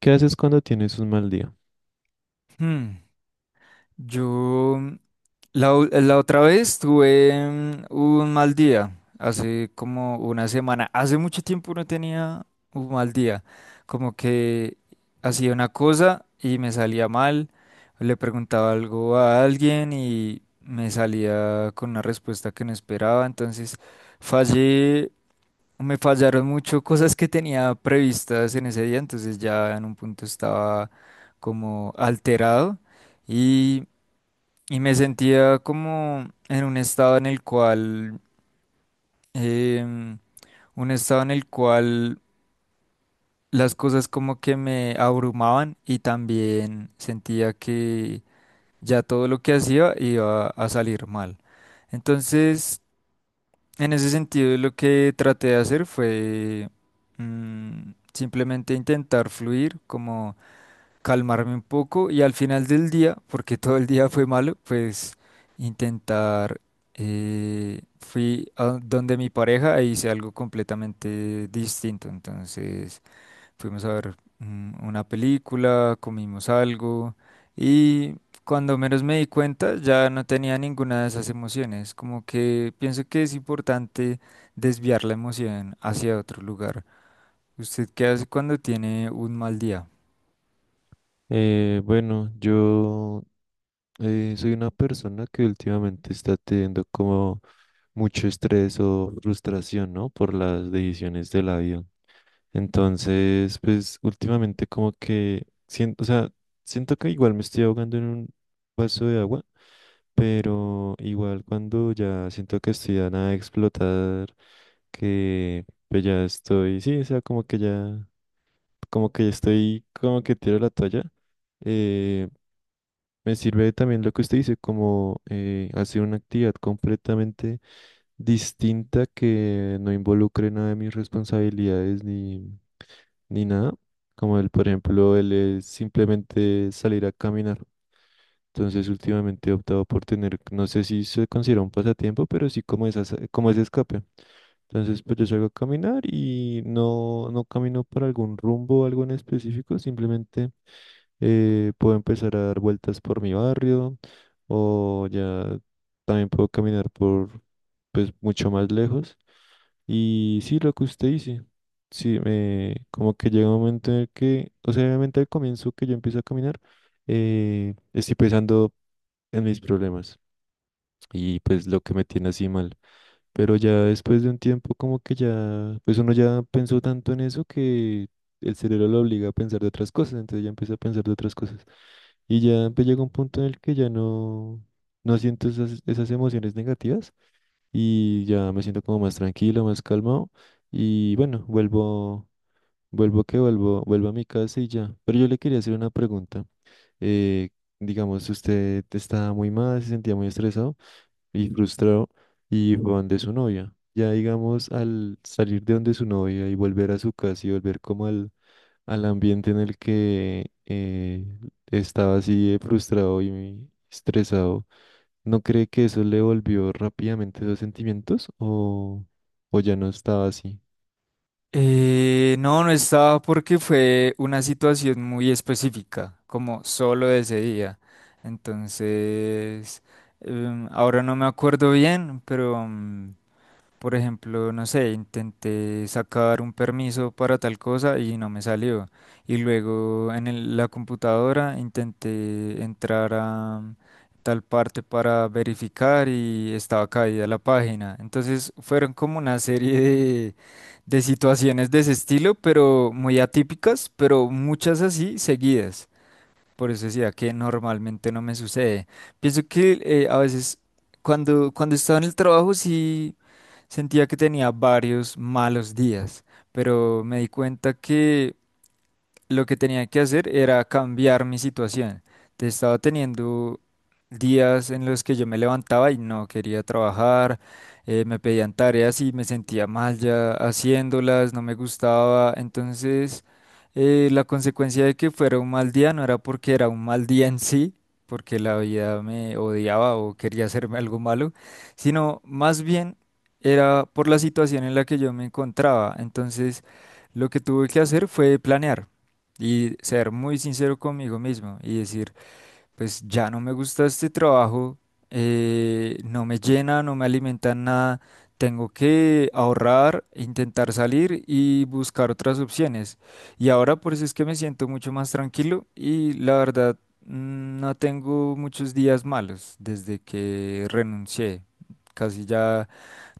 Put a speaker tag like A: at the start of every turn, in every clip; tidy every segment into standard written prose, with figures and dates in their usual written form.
A: ¿Qué haces cuando tienes un mal día?
B: Hmm, Yo la otra vez tuve un mal día, hace como una semana. Hace mucho tiempo no tenía un mal día. Como que hacía una cosa y me salía mal. Le preguntaba algo a alguien y me salía con una respuesta que no esperaba. Entonces fallé, me fallaron mucho cosas que tenía previstas en ese día. Entonces ya en un punto estaba como alterado. Y me sentía como en un estado en el cual, em, un estado en el cual las cosas como que me abrumaban y también sentía que ya todo lo que hacía iba a salir mal. Entonces, en ese sentido, lo que traté de hacer fue simplemente intentar fluir, como calmarme un poco y al final del día, porque todo el día fue malo, pues intentar, fui a donde mi pareja e hice algo completamente distinto. Entonces fuimos a ver una película, comimos algo y cuando menos me di cuenta ya no tenía ninguna de esas emociones. Como que pienso que es importante desviar la emoción hacia otro lugar. ¿Usted qué hace cuando tiene un mal día?
A: Bueno, yo soy una persona que últimamente está teniendo como mucho estrés o frustración, ¿no? Por las decisiones de la vida. Entonces, pues últimamente como que siento, o sea, siento que igual me estoy ahogando en un vaso de agua, pero igual cuando ya siento que estoy a nada de explotar, que pues ya estoy, sí, o sea, como que ya como que estoy, como que tiro la toalla. eh, Me sirve también lo que usted dice, como hacer una actividad completamente distinta que no involucre nada de mis responsabilidades ni nada. Como el, por ejemplo, el es simplemente salir a caminar. Entonces, últimamente he optado por tener, no sé si se considera un pasatiempo, pero sí como esa, como ese escape. Entonces, pues yo salgo a caminar y no camino para algún rumbo o algo en específico, simplemente puedo empezar a dar vueltas por mi barrio o ya también puedo caminar por pues mucho más lejos. Y sí, lo que usted dice, sí, me, como que llega un momento en el que, o sea, obviamente al comienzo que yo empiezo a caminar, estoy pensando en mis problemas y pues lo que me tiene así mal. Pero ya después de un tiempo como que ya, pues uno ya pensó tanto en eso que el cerebro lo obliga a pensar de otras cosas, entonces ya empieza a pensar de otras cosas. Y ya pues llega un punto en el que ya no, no siento esas emociones negativas y ya me siento como más tranquilo, más calmado y bueno, vuelvo a mi casa y ya. Pero yo le quería hacer una pregunta. Eh, digamos, usted estaba muy mal, se sentía muy estresado y frustrado y fue donde su novia. Ya digamos, al salir de donde su novia y volver a su casa y volver como al ambiente en el que estaba así de frustrado y estresado, ¿no cree que eso le volvió rápidamente esos sentimientos o ya no estaba así?
B: No, no estaba porque fue una situación muy específica, como solo de ese día. Entonces, ahora no me acuerdo bien, pero, por ejemplo, no sé, intenté sacar un permiso para tal cosa y no me salió. Y luego en la computadora intenté entrar a tal parte para verificar y estaba caída la página. Entonces fueron como una serie de situaciones de ese estilo, pero muy atípicas, pero muchas así seguidas. Por eso decía que normalmente no me sucede. Pienso que a veces cuando estaba en el trabajo sí sentía que tenía varios malos días, pero me di cuenta que lo que tenía que hacer era cambiar mi situación. Te estaba teniendo días en los que yo me levantaba y no quería trabajar, me pedían tareas y me sentía mal ya haciéndolas, no me gustaba. Entonces, la consecuencia de que fuera un mal día no era porque era un mal día en sí, porque la vida me odiaba o quería hacerme algo malo, sino más bien era por la situación en la que yo me encontraba. Entonces, lo que tuve que hacer fue planear. Y ser muy sincero conmigo mismo y decir, pues ya no me gusta este trabajo, no me llena, no me alimenta en nada, tengo que ahorrar, intentar salir y buscar otras opciones. Y ahora por eso es que me siento mucho más tranquilo y la verdad no tengo muchos días malos desde que renuncié. Casi ya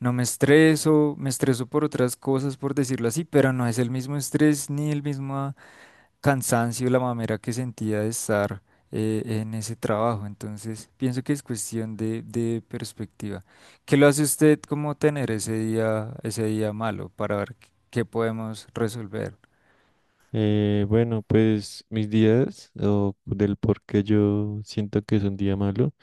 B: no me estreso, me estreso por otras cosas, por decirlo así, pero no es el mismo estrés ni el mismo cansancio, la mamera que sentía de estar en ese trabajo. Entonces, pienso que es cuestión de perspectiva. ¿Qué lo hace usted como tener ese día malo para ver qué podemos resolver?
A: Bueno, pues mis días o del por qué yo siento que es un día malo.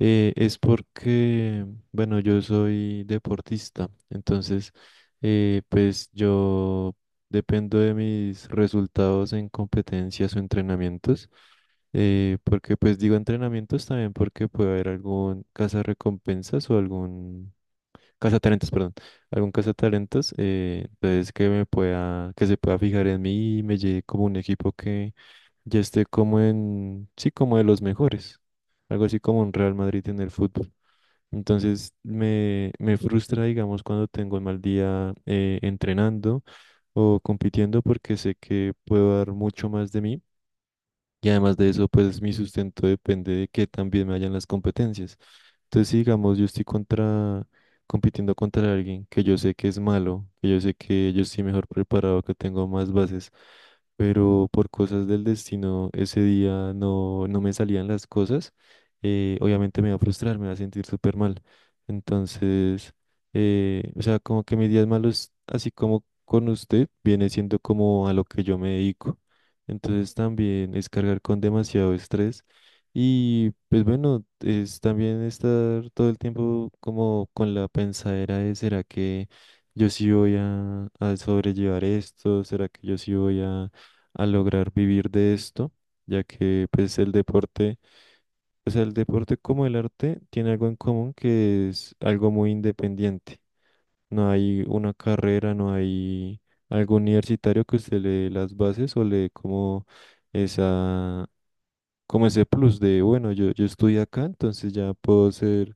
A: Es porque, bueno, yo soy deportista, entonces, pues yo dependo de mis resultados en competencias o entrenamientos, porque pues digo entrenamientos también porque puede haber algún cazarrecompensas o algún Cazatalentos, perdón. Algún cazatalentos, entonces que me pueda, que se pueda fijar en mí y me lleve como un equipo que ya esté como en, sí, como de los mejores. Algo así como un Real Madrid en el fútbol. Entonces me frustra, digamos, cuando tengo un mal día entrenando o compitiendo porque sé que puedo dar mucho más de mí y además de eso, pues mi sustento depende de que también me hayan las competencias. Entonces, si digamos, yo estoy contra, compitiendo contra alguien que yo sé que es malo, que yo sé que yo estoy mejor preparado, que tengo más bases, pero por cosas del destino, ese día no, no me salían las cosas, obviamente me va a frustrar, me va a sentir súper mal. Entonces, o sea, como que mis días malos, así como con usted, viene siendo como a lo que yo me dedico. Entonces también es cargar con demasiado estrés y pues bueno, es también estar todo el tiempo como con la pensadera de ¿será que yo sí voy a sobrellevar esto? ¿Será que yo sí voy a lograr vivir de esto? Ya que pues el deporte, o sea, el deporte como el arte tiene algo en común que es algo muy independiente. No hay una carrera, no hay algo universitario que usted le dé las bases o le dé como esa, como ese plus de, bueno, yo estudié acá, entonces ya puedo ser,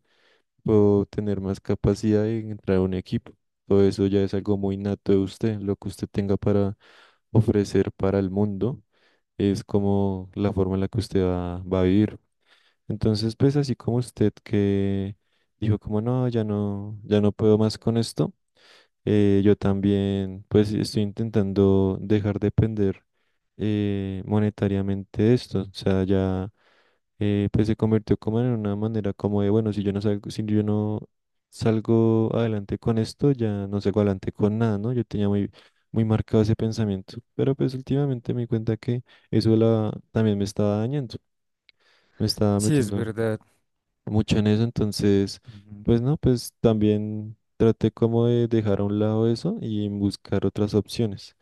A: puedo tener más capacidad de entrar a un equipo. Todo eso ya es algo muy nato de usted, lo que usted tenga para ofrecer para el mundo es como la forma en la que usted va, va a vivir. Entonces, pues así como usted que dijo como no, ya no, ya no puedo más con esto. Yo también, pues estoy intentando dejar de depender monetariamente de esto. O sea, ya pues se convirtió como en una manera como de, bueno, si yo no salgo, si yo no salgo adelante con esto, ya no salgo adelante con nada, ¿no? Yo tenía muy, muy marcado ese pensamiento. Pero pues últimamente me di cuenta que eso la, también me estaba dañando, me estaba
B: Sí, es
A: metiendo
B: verdad.
A: mucho en eso, entonces,
B: Ujú.
A: pues no, pues también traté como de dejar a un lado eso y buscar otras opciones.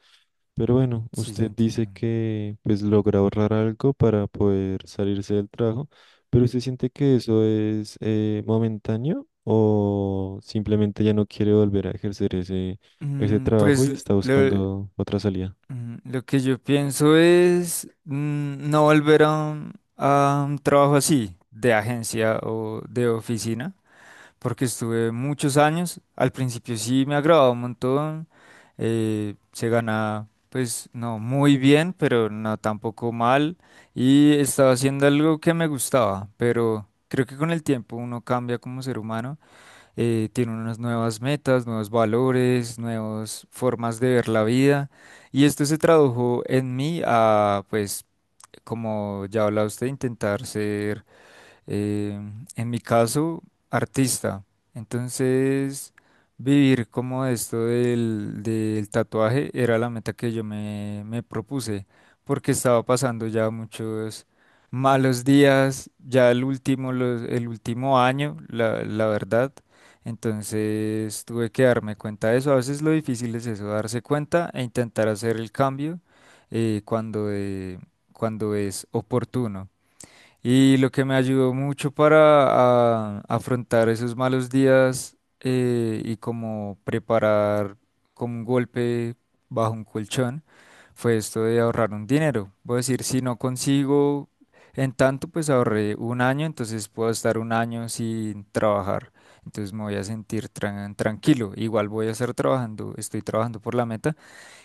A: Pero bueno,
B: Sí, sí,
A: usted dice
B: entiendo.
A: que pues logra ahorrar algo para poder salirse del trabajo, pero ¿usted siente que eso es momentáneo o simplemente ya no quiere volver a ejercer ese, ese trabajo
B: Pues
A: y está
B: lo,
A: buscando otra salida?
B: lo que yo pienso es no volver a un, trabajo así, de agencia o de oficina porque estuve muchos años. Al principio sí me agradaba un montón. Se ganaba, pues no muy bien, pero no tampoco mal. Y estaba haciendo algo que me gustaba, pero creo que con el tiempo uno cambia como ser humano. Tiene unas nuevas metas, nuevos valores, nuevas formas de ver la vida. Y esto se tradujo en mí a, pues, como ya hablaba usted, intentar ser eh, en mi caso, artista. Entonces, vivir como esto del tatuaje era la meta que yo me, me propuse, porque estaba pasando ya muchos malos días, ya el último, el último año, la verdad. Entonces, tuve que darme cuenta de eso. A veces lo difícil es eso, darse cuenta e intentar hacer el cambio eh, cuando, eh, cuando es oportuno. Y lo que me ayudó mucho para afrontar esos malos días y como preparar como un golpe bajo un colchón fue esto de ahorrar un dinero. Voy a decir, si no consigo en tanto, pues ahorré un año, entonces puedo estar un año sin trabajar. Entonces me voy a sentir tranquilo. Igual voy a estar trabajando, estoy trabajando por la meta,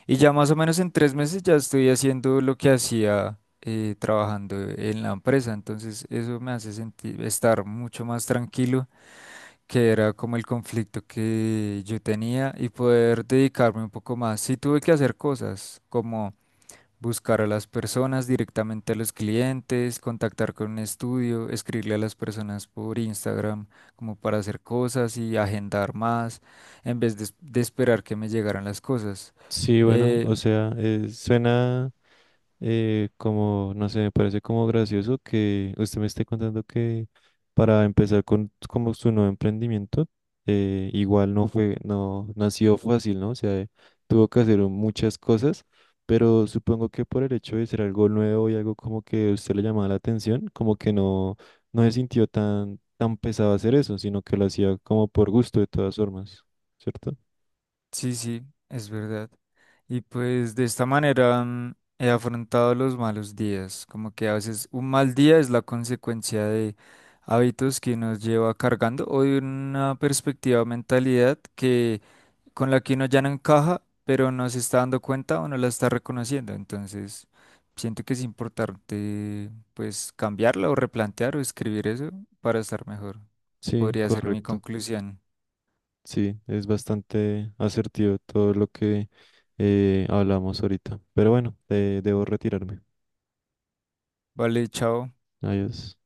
B: y ya más o menos en 3 meses ya estoy haciendo lo que hacía trabajando en la empresa. Entonces eso me hace sentir estar mucho más tranquilo, que era como el conflicto que yo tenía y poder dedicarme un poco más. Sí tuve que hacer cosas como buscar a las personas directamente a los clientes, contactar con un estudio, escribirle a las personas por Instagram como para hacer cosas y agendar más en vez de esperar que me llegaran las cosas.
A: Sí, bueno,
B: Eh,
A: o sea, suena... como, no sé, me parece como gracioso que usted me esté contando que para empezar con como su nuevo emprendimiento, igual no fue, no, no ha sido fácil, ¿no? O sea, tuvo que hacer muchas cosas, pero supongo que por el hecho de ser algo nuevo y algo como que a usted le llamaba la atención, como que no, no se sintió tan, tan pesado hacer eso, sino que lo hacía como por gusto de todas formas, ¿cierto?
B: Sí, sí, es verdad. Y pues de esta manera he afrontado los malos días, como que a veces un mal día es la consecuencia de hábitos que nos lleva cargando o de una perspectiva, mentalidad que con la que uno ya no encaja, pero no se está dando cuenta o no la está reconociendo. Entonces, siento que es importante pues cambiarla o replantear o escribir eso para estar mejor.
A: Sí,
B: Podría ser mi
A: correcto.
B: conclusión.
A: Sí, es bastante asertivo todo lo que hablamos ahorita. Pero bueno, debo retirarme.
B: Vale, chao.
A: Adiós.